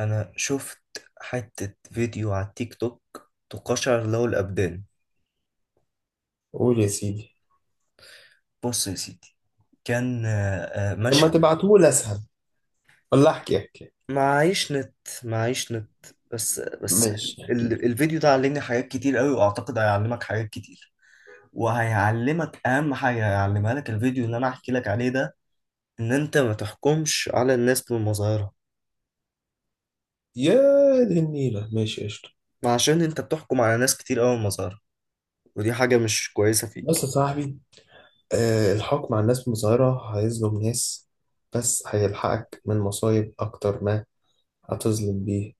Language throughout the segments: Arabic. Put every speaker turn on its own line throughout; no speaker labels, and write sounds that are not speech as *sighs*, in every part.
انا شفت حتة فيديو على التيك توك تقشعر له الابدان.
قول يا سيدي.
بص يا سيدي، كان
لما
مشهد.
تبعتهولي اسهل، ولا احكي.
معيش نت، معيش نت، بس.
ماشي احكي.
الفيديو ده علمني حاجات كتير قوي، واعتقد هيعلمك حاجات كتير، وهيعلمك اهم حاجة هيعلمها لك الفيديو اللي انا هحكي لك عليه ده، ان انت ما تحكمش على الناس بمظاهرها.
يا دي النيلة، ماشي قشطة.
عشان انت بتحكم على ناس كتير قوي بمظاهرها، ودي حاجة مش كويسة
بص يا
فيك.
صاحبي، آه الحكم على الناس من صغيرة هيظلم ناس، بس هيلحقك من مصايب أكتر ما هتظلم بيه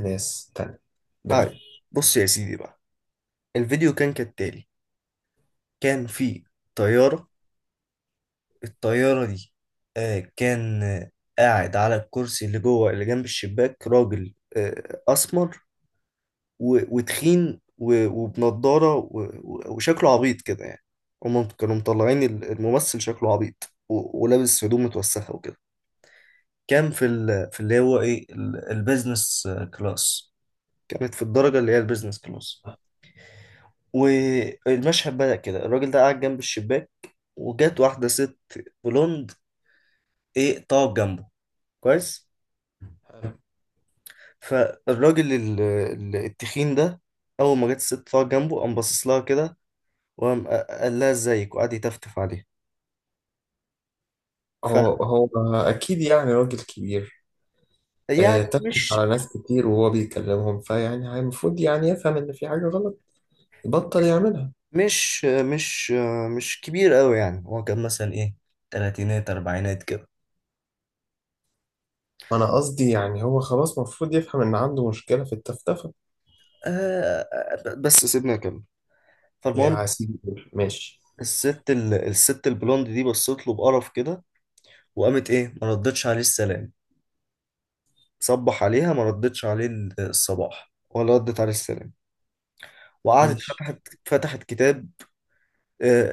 ناس تانية
طيب،
بريئة.
بص يا سيدي بقى، الفيديو كان كالتالي. كان في طيارة، الطيارة دي كان قاعد على الكرسي اللي جوه اللي جنب الشباك راجل أسمر وتخين وبنضارة وشكله عبيط كده يعني. هما كانوا مطلعين الممثل شكله عبيط ولابس هدوم متوسخة وكده. كان في اللي هو إيه البيزنس كلاس. كانت في الدرجة اللي هي البيزنس كلاس. والمشهد بدأ كده، الراجل ده قاعد جنب الشباك، وجات واحدة ست بلوند ايه طاق جنبه. كويس.
حلو.
فالراجل التخين ده اول ما جت الست طاق جنبه قام باصص لها كده، وقام قال لها ازيك وقعد يتفتف عليها.
هو أكيد يعني راجل كبير. آه
فيعني
تفتح
مش
على ناس كتير وهو بيكلمهم، فيعني هي المفروض يعني يفهم إن في حاجة غلط، يبطل يعملها.
مش مش مش كبير قوي، يعني هو كان مثلا ايه، تلاتينات اربعينات كده.
وأنا قصدي يعني هو خلاص المفروض يفهم إن عنده مشكلة في التفتفة.
آه، بس سيبنا اكمل. فالمهم،
يا سيدي ماشي.
الست الست البلوند دي بصت له بقرف كده، وقامت ايه ما ردتش عليه السلام، صبح عليها ما ردتش عليه الصباح ولا ردت عليه السلام، وقعدت
ماشي.
فتحت فتحت كتاب. آه،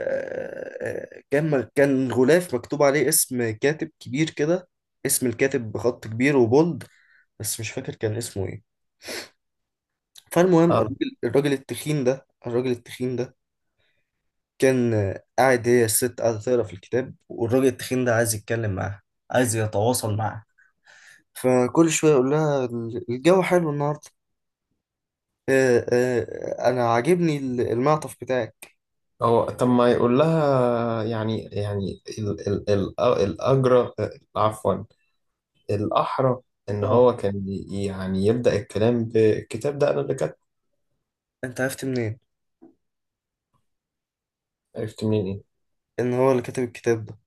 كان غلاف مكتوب عليه اسم كاتب كبير كده، اسم الكاتب بخط كبير وبولد، بس مش فاكر كان اسمه ايه. فالمهم
اه.
الراجل التخين ده كان قاعد، هي الست قاعدة تقرا في الكتاب والراجل التخين ده عايز يتكلم معاها، عايز يتواصل معاها. فكل شوية يقول لها الجو حلو النهاردة، أنا عاجبني المعطف بتاعك.
هو طب ما يقول لها، يعني يعني ال ال ال الأجرى عفوا الأحرى، إن
اه.
هو كان يعني يبدأ الكلام بالكتاب ده أنا اللي كاتبه.
أنت عرفت منين
عرفت منين إيه؟
إن هو اللي كاتب الكتاب ده؟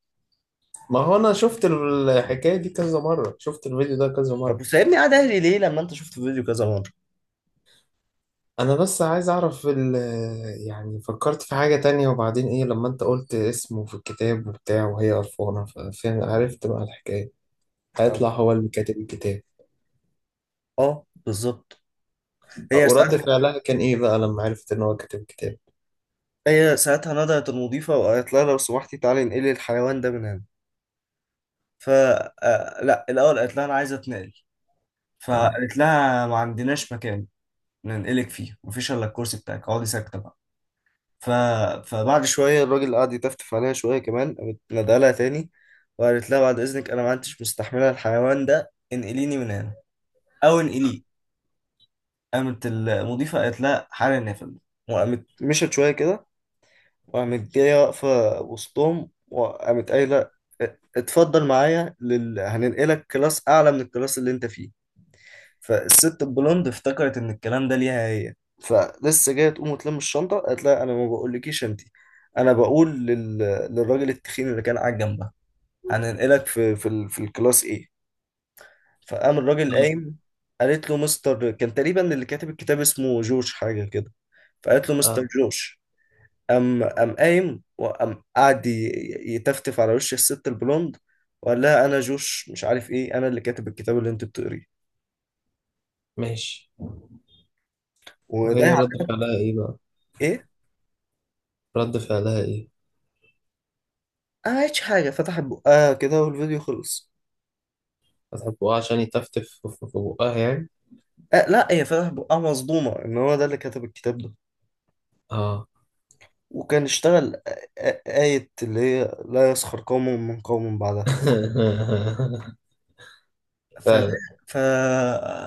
ما هو أنا شفت الحكاية دي كذا مرة، شفت الفيديو ده كذا
طب
مرة.
سايبني قاعد اهلي ليه لما انت شفت فيديو كذا مره؟
أنا بس عايز أعرف. يعني فكرت في حاجة تانية، وبعدين إيه لما أنت قلت اسمه في الكتاب وبتاع وهي قرفانة فعرفت بقى الحكاية. هيطلع
طب
هو اللي كاتب الكتاب.
اه بالظبط. هي
ورد
ساعتها
فعلها كان ايه بقى لما عرفت ان هو كاتب كتاب؟
هي ساعتها نادت المضيفه وقالت لها لو سمحتي تعالي انقلي الحيوان ده من هنا. ف لا، الاول قالت لها انا عايزه اتنقل،
اه.
فقالت لها ما عندناش مكان ننقلك فيه، مفيش الا الكرسي بتاعك اقعدي ساكته بقى. ف... فبعد شويه الراجل قعد يتفتف عليها شويه كمان، قامت نادالها تاني وقالت لها بعد اذنك انا ما عدتش مستحمله الحيوان ده، انقليني من هنا او انقليه. قامت المضيفة قالت لها حالا نافل، وقامت مشت شوية كده، وقامت جاية واقفة وسطهم وقامت قايلة اتفضل معايا هننقلك كلاس أعلى من الكلاس اللي أنت فيه. فالست البلوند افتكرت إن الكلام ده ليها هي، فلسه جاية تقوم وتلم الشنطة، قالت لها أنا ما بقولكيش أنتي، أنا بقول للراجل التخين اللي كان قاعد جنبها، هننقلك في الكلاس إيه. فقام الراجل
اه.
قايم. قالت له مستر، كان تقريبا اللي كاتب الكتاب اسمه جورج حاجة كده، فقالت له مستر
اه.
جورج. قام قام قايم وقام قعد ي- يتفتف على وش الست البلوند، وقال لها انا جوش مش عارف ايه انا اللي كاتب الكتاب اللي انت بتقريه.
ماشي.
وده
وهي
يعني
رد فعلها ايه بقى؟
ايه،
رد فعلها ايه؟
ما عملتش حاجه، فتحت بقها كده والفيديو خلص.
فتح بقها عشان يتفتف في بقها يعني؟
آه لا، هي فتحت بقها مصدومه ان هو ده اللي كتب الكتاب ده.
اه.
وكان اشتغل آية اللي هي لا يسخر قوم من قوم بعدها.
*laughs*
فده
فعلا.
ف...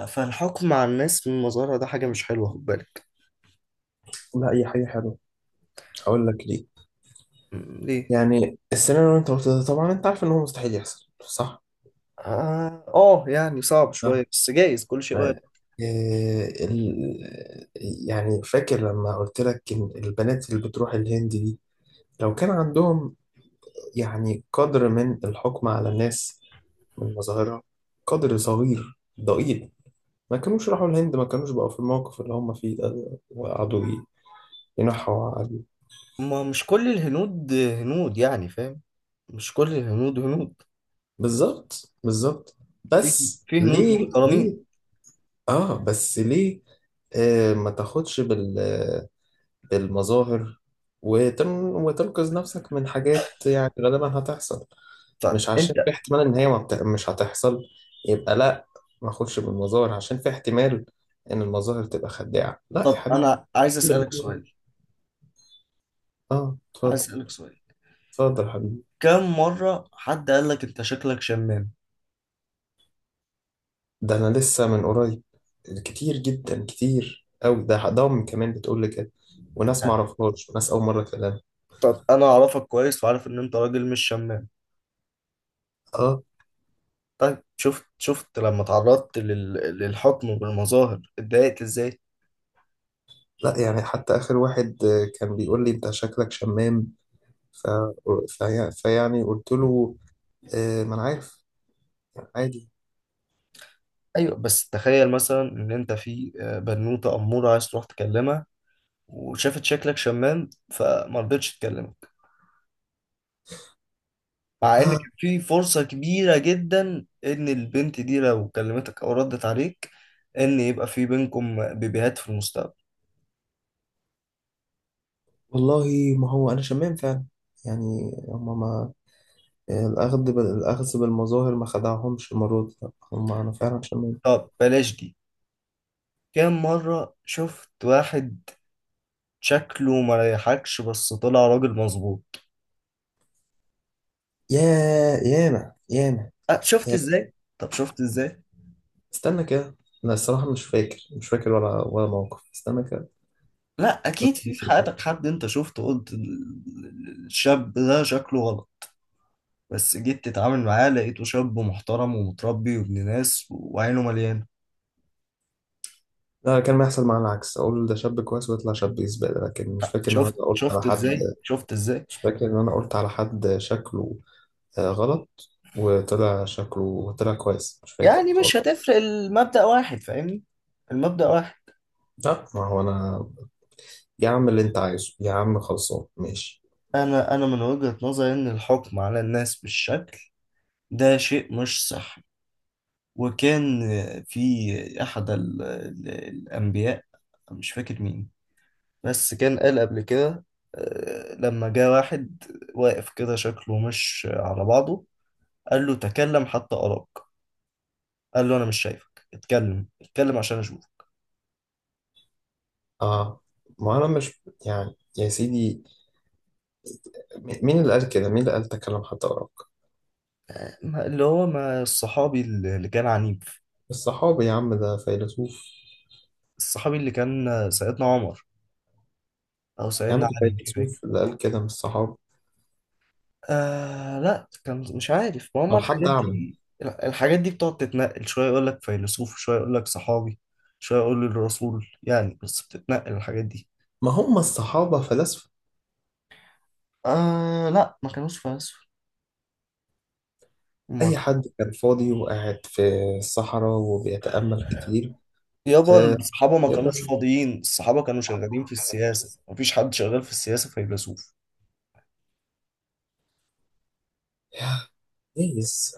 فالحكم على الناس من مظهرها ده حاجة مش حلوة، خد بالك.
لا هي حاجة حلوة، هقول لك ليه.
ليه؟
يعني السيناريو اللي انت قلته ده طبعا انت عارف ان هو مستحيل يحصل، صح؟
اه، يعني صعب
اه.
شوية بس جايز، كل شيء وارد.
آه. إيه يعني فاكر لما قلت لك إن البنات اللي بتروح الهند دي، لو كان عندهم يعني قدر من الحكم على الناس من مظاهرها، قدر صغير ضئيل، ما كانوش راحوا الهند، ما كانوش بقوا في الموقف اللي هم فيه ده وقعدوا ينحوا عليه.
ما مش كل الهنود هنود، يعني فاهم، مش كل الهنود هنود.
بالظبط بالظبط.
في
بس
في هنود
ليه؟
محترمين.
اه بس ليه. آه ما تاخدش بال بالمظاهر، وتن... وتنقذ نفسك من حاجات يعني غالبا هتحصل.
طيب
مش عشان في
انت،
احتمال ان هي ما بت... مش هتحصل، يبقى لا ما اخدش بالمظاهر. عشان في احتمال ان المظاهر تبقى خداعة، لا يا
طب
حبيبي.
انا عايز اسألك
بالمظاهر.
سؤال،
اه
عايز
اتفضل.
اسألك سؤال،
اتفضل يا حبيبي.
كم مرة حد قال لك انت شكلك شمام؟
ده انا لسه من قريب كتير جدا، كتير قوي ده ضم كمان بتقول لي كده، وناس ما اعرفهاش وناس اول مره اكلمها.
طب انا اعرفك كويس وعارف ان انت راجل مش شمام.
اه.
طيب شفت، شفت لما تعرضت للحكم بالمظاهر اتضايقت ازاي؟
لا يعني حتى اخر واحد كان بيقول لي انت شكلك شمام، ف... فيعني قلت له آه ما انا عارف، يعني عادي.
ايوه بس تخيل مثلا ان انت في بنوتة امورة عايز تروح تكلمها، وشافت شكلك شمام فما رضتش تكلمك، مع ان كان
*sighs*
في فرصة كبيرة جدا ان البنت دي لو كلمتك او ردت عليك ان يبقى في بينكم بيبيهات في المستقبل.
والله ما هو انا شمام فعلا. يعني هما ما الاخذ بالمظاهر ما خدعهمش المره دي، لأ، هما انا فعلا شمام.
طب بلاش دي، كام مرة شفت واحد شكله ما ريحكش بس طلع راجل مظبوط؟
يا يانا.
شفت
يانا.
ازاي؟ طب شفت ازاي؟
استنى كده. انا الصراحه مش فاكر ولا موقف، استنى كده.
لا اكيد، في حياتك حد انت شفته قلت الشاب ده شكله غلط، بس جيت تتعامل معاه لقيته شاب محترم ومتربي وابن ناس وعينه مليانة.
لا كان بيحصل معايا العكس، اقول ده شاب كويس ويطلع شاب زباله، لكن مش فاكر ان انا
شفت،
قلت على
شفت
حد.
ازاي؟ شفت ازاي؟
مش فاكر ان انا قلت على حد شكله غلط وطلع شكله طلع كويس، مش فاكر
يعني مش
خالص.
هتفرق، المبدأ واحد، فاهمني، المبدأ واحد.
لا ما هو انا، يا عم اللي انت عايزه يا عم خلصان ماشي.
انا من وجهة نظري ان الحكم على الناس بالشكل ده شيء مش صح. وكان في احد الانبياء، مش فاكر مين، بس كان قال قبل كده، لما جه واحد واقف كده شكله مش على بعضه، قال له تكلم حتى أراك، قال له انا مش شايفك، اتكلم اتكلم عشان اشوفك.
اه ما انا مش يعني يا سيدي، مين اللي قال كده؟ مين اللي قال تكلم حتى أراك؟
اللي هو ما الصحابي اللي كان عنيف،
الصحابي يا عم ده فيلسوف.
الصحابي اللي كان سيدنا عمر او
يا عم
سيدنا
ده
علي، مش فاكر.
فيلسوف اللي قال كده من الصحابة؟
آه لا كان مش عارف، ما هم
لو حد
الحاجات
أعمى.
دي، الحاجات دي بتقعد تتنقل، شويه يقول لك فيلسوف، شويه يقول لك صحابي، شويه يقول لك الرسول يعني، بس بتتنقل الحاجات دي.
ما هم الصحابة فلاسفة،
آه لا ما كانوش فلاسفة، ما
أي
كانوا.
حد كان فاضي وقاعد في الصحراء وبيتأمل كتير.
يابا
آه
الصحابة ما
يقدر.
كانوش فاضيين، الصحابة كانوا شغالين في السياسة، مفيش حد شغال في السياسة فيلسوف.
يا. كويس.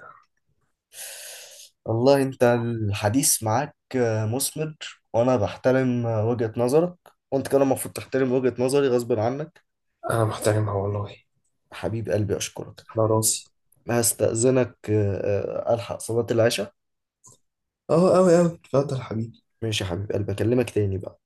والله انت الحديث معاك مثمر، وانا بحترم وجهة نظرك، وانت كمان المفروض تحترم وجهة نظري غصب عنك.
أنا محترمها والله.
حبيب قلبي اشكرك.
على
بس
راسي.
هستأذنك، الحق صلاة العشاء.
أه أوي أوي اتفضل حبيبي.
ماشي يا حبيب قلبي، اكلمك تاني بقى.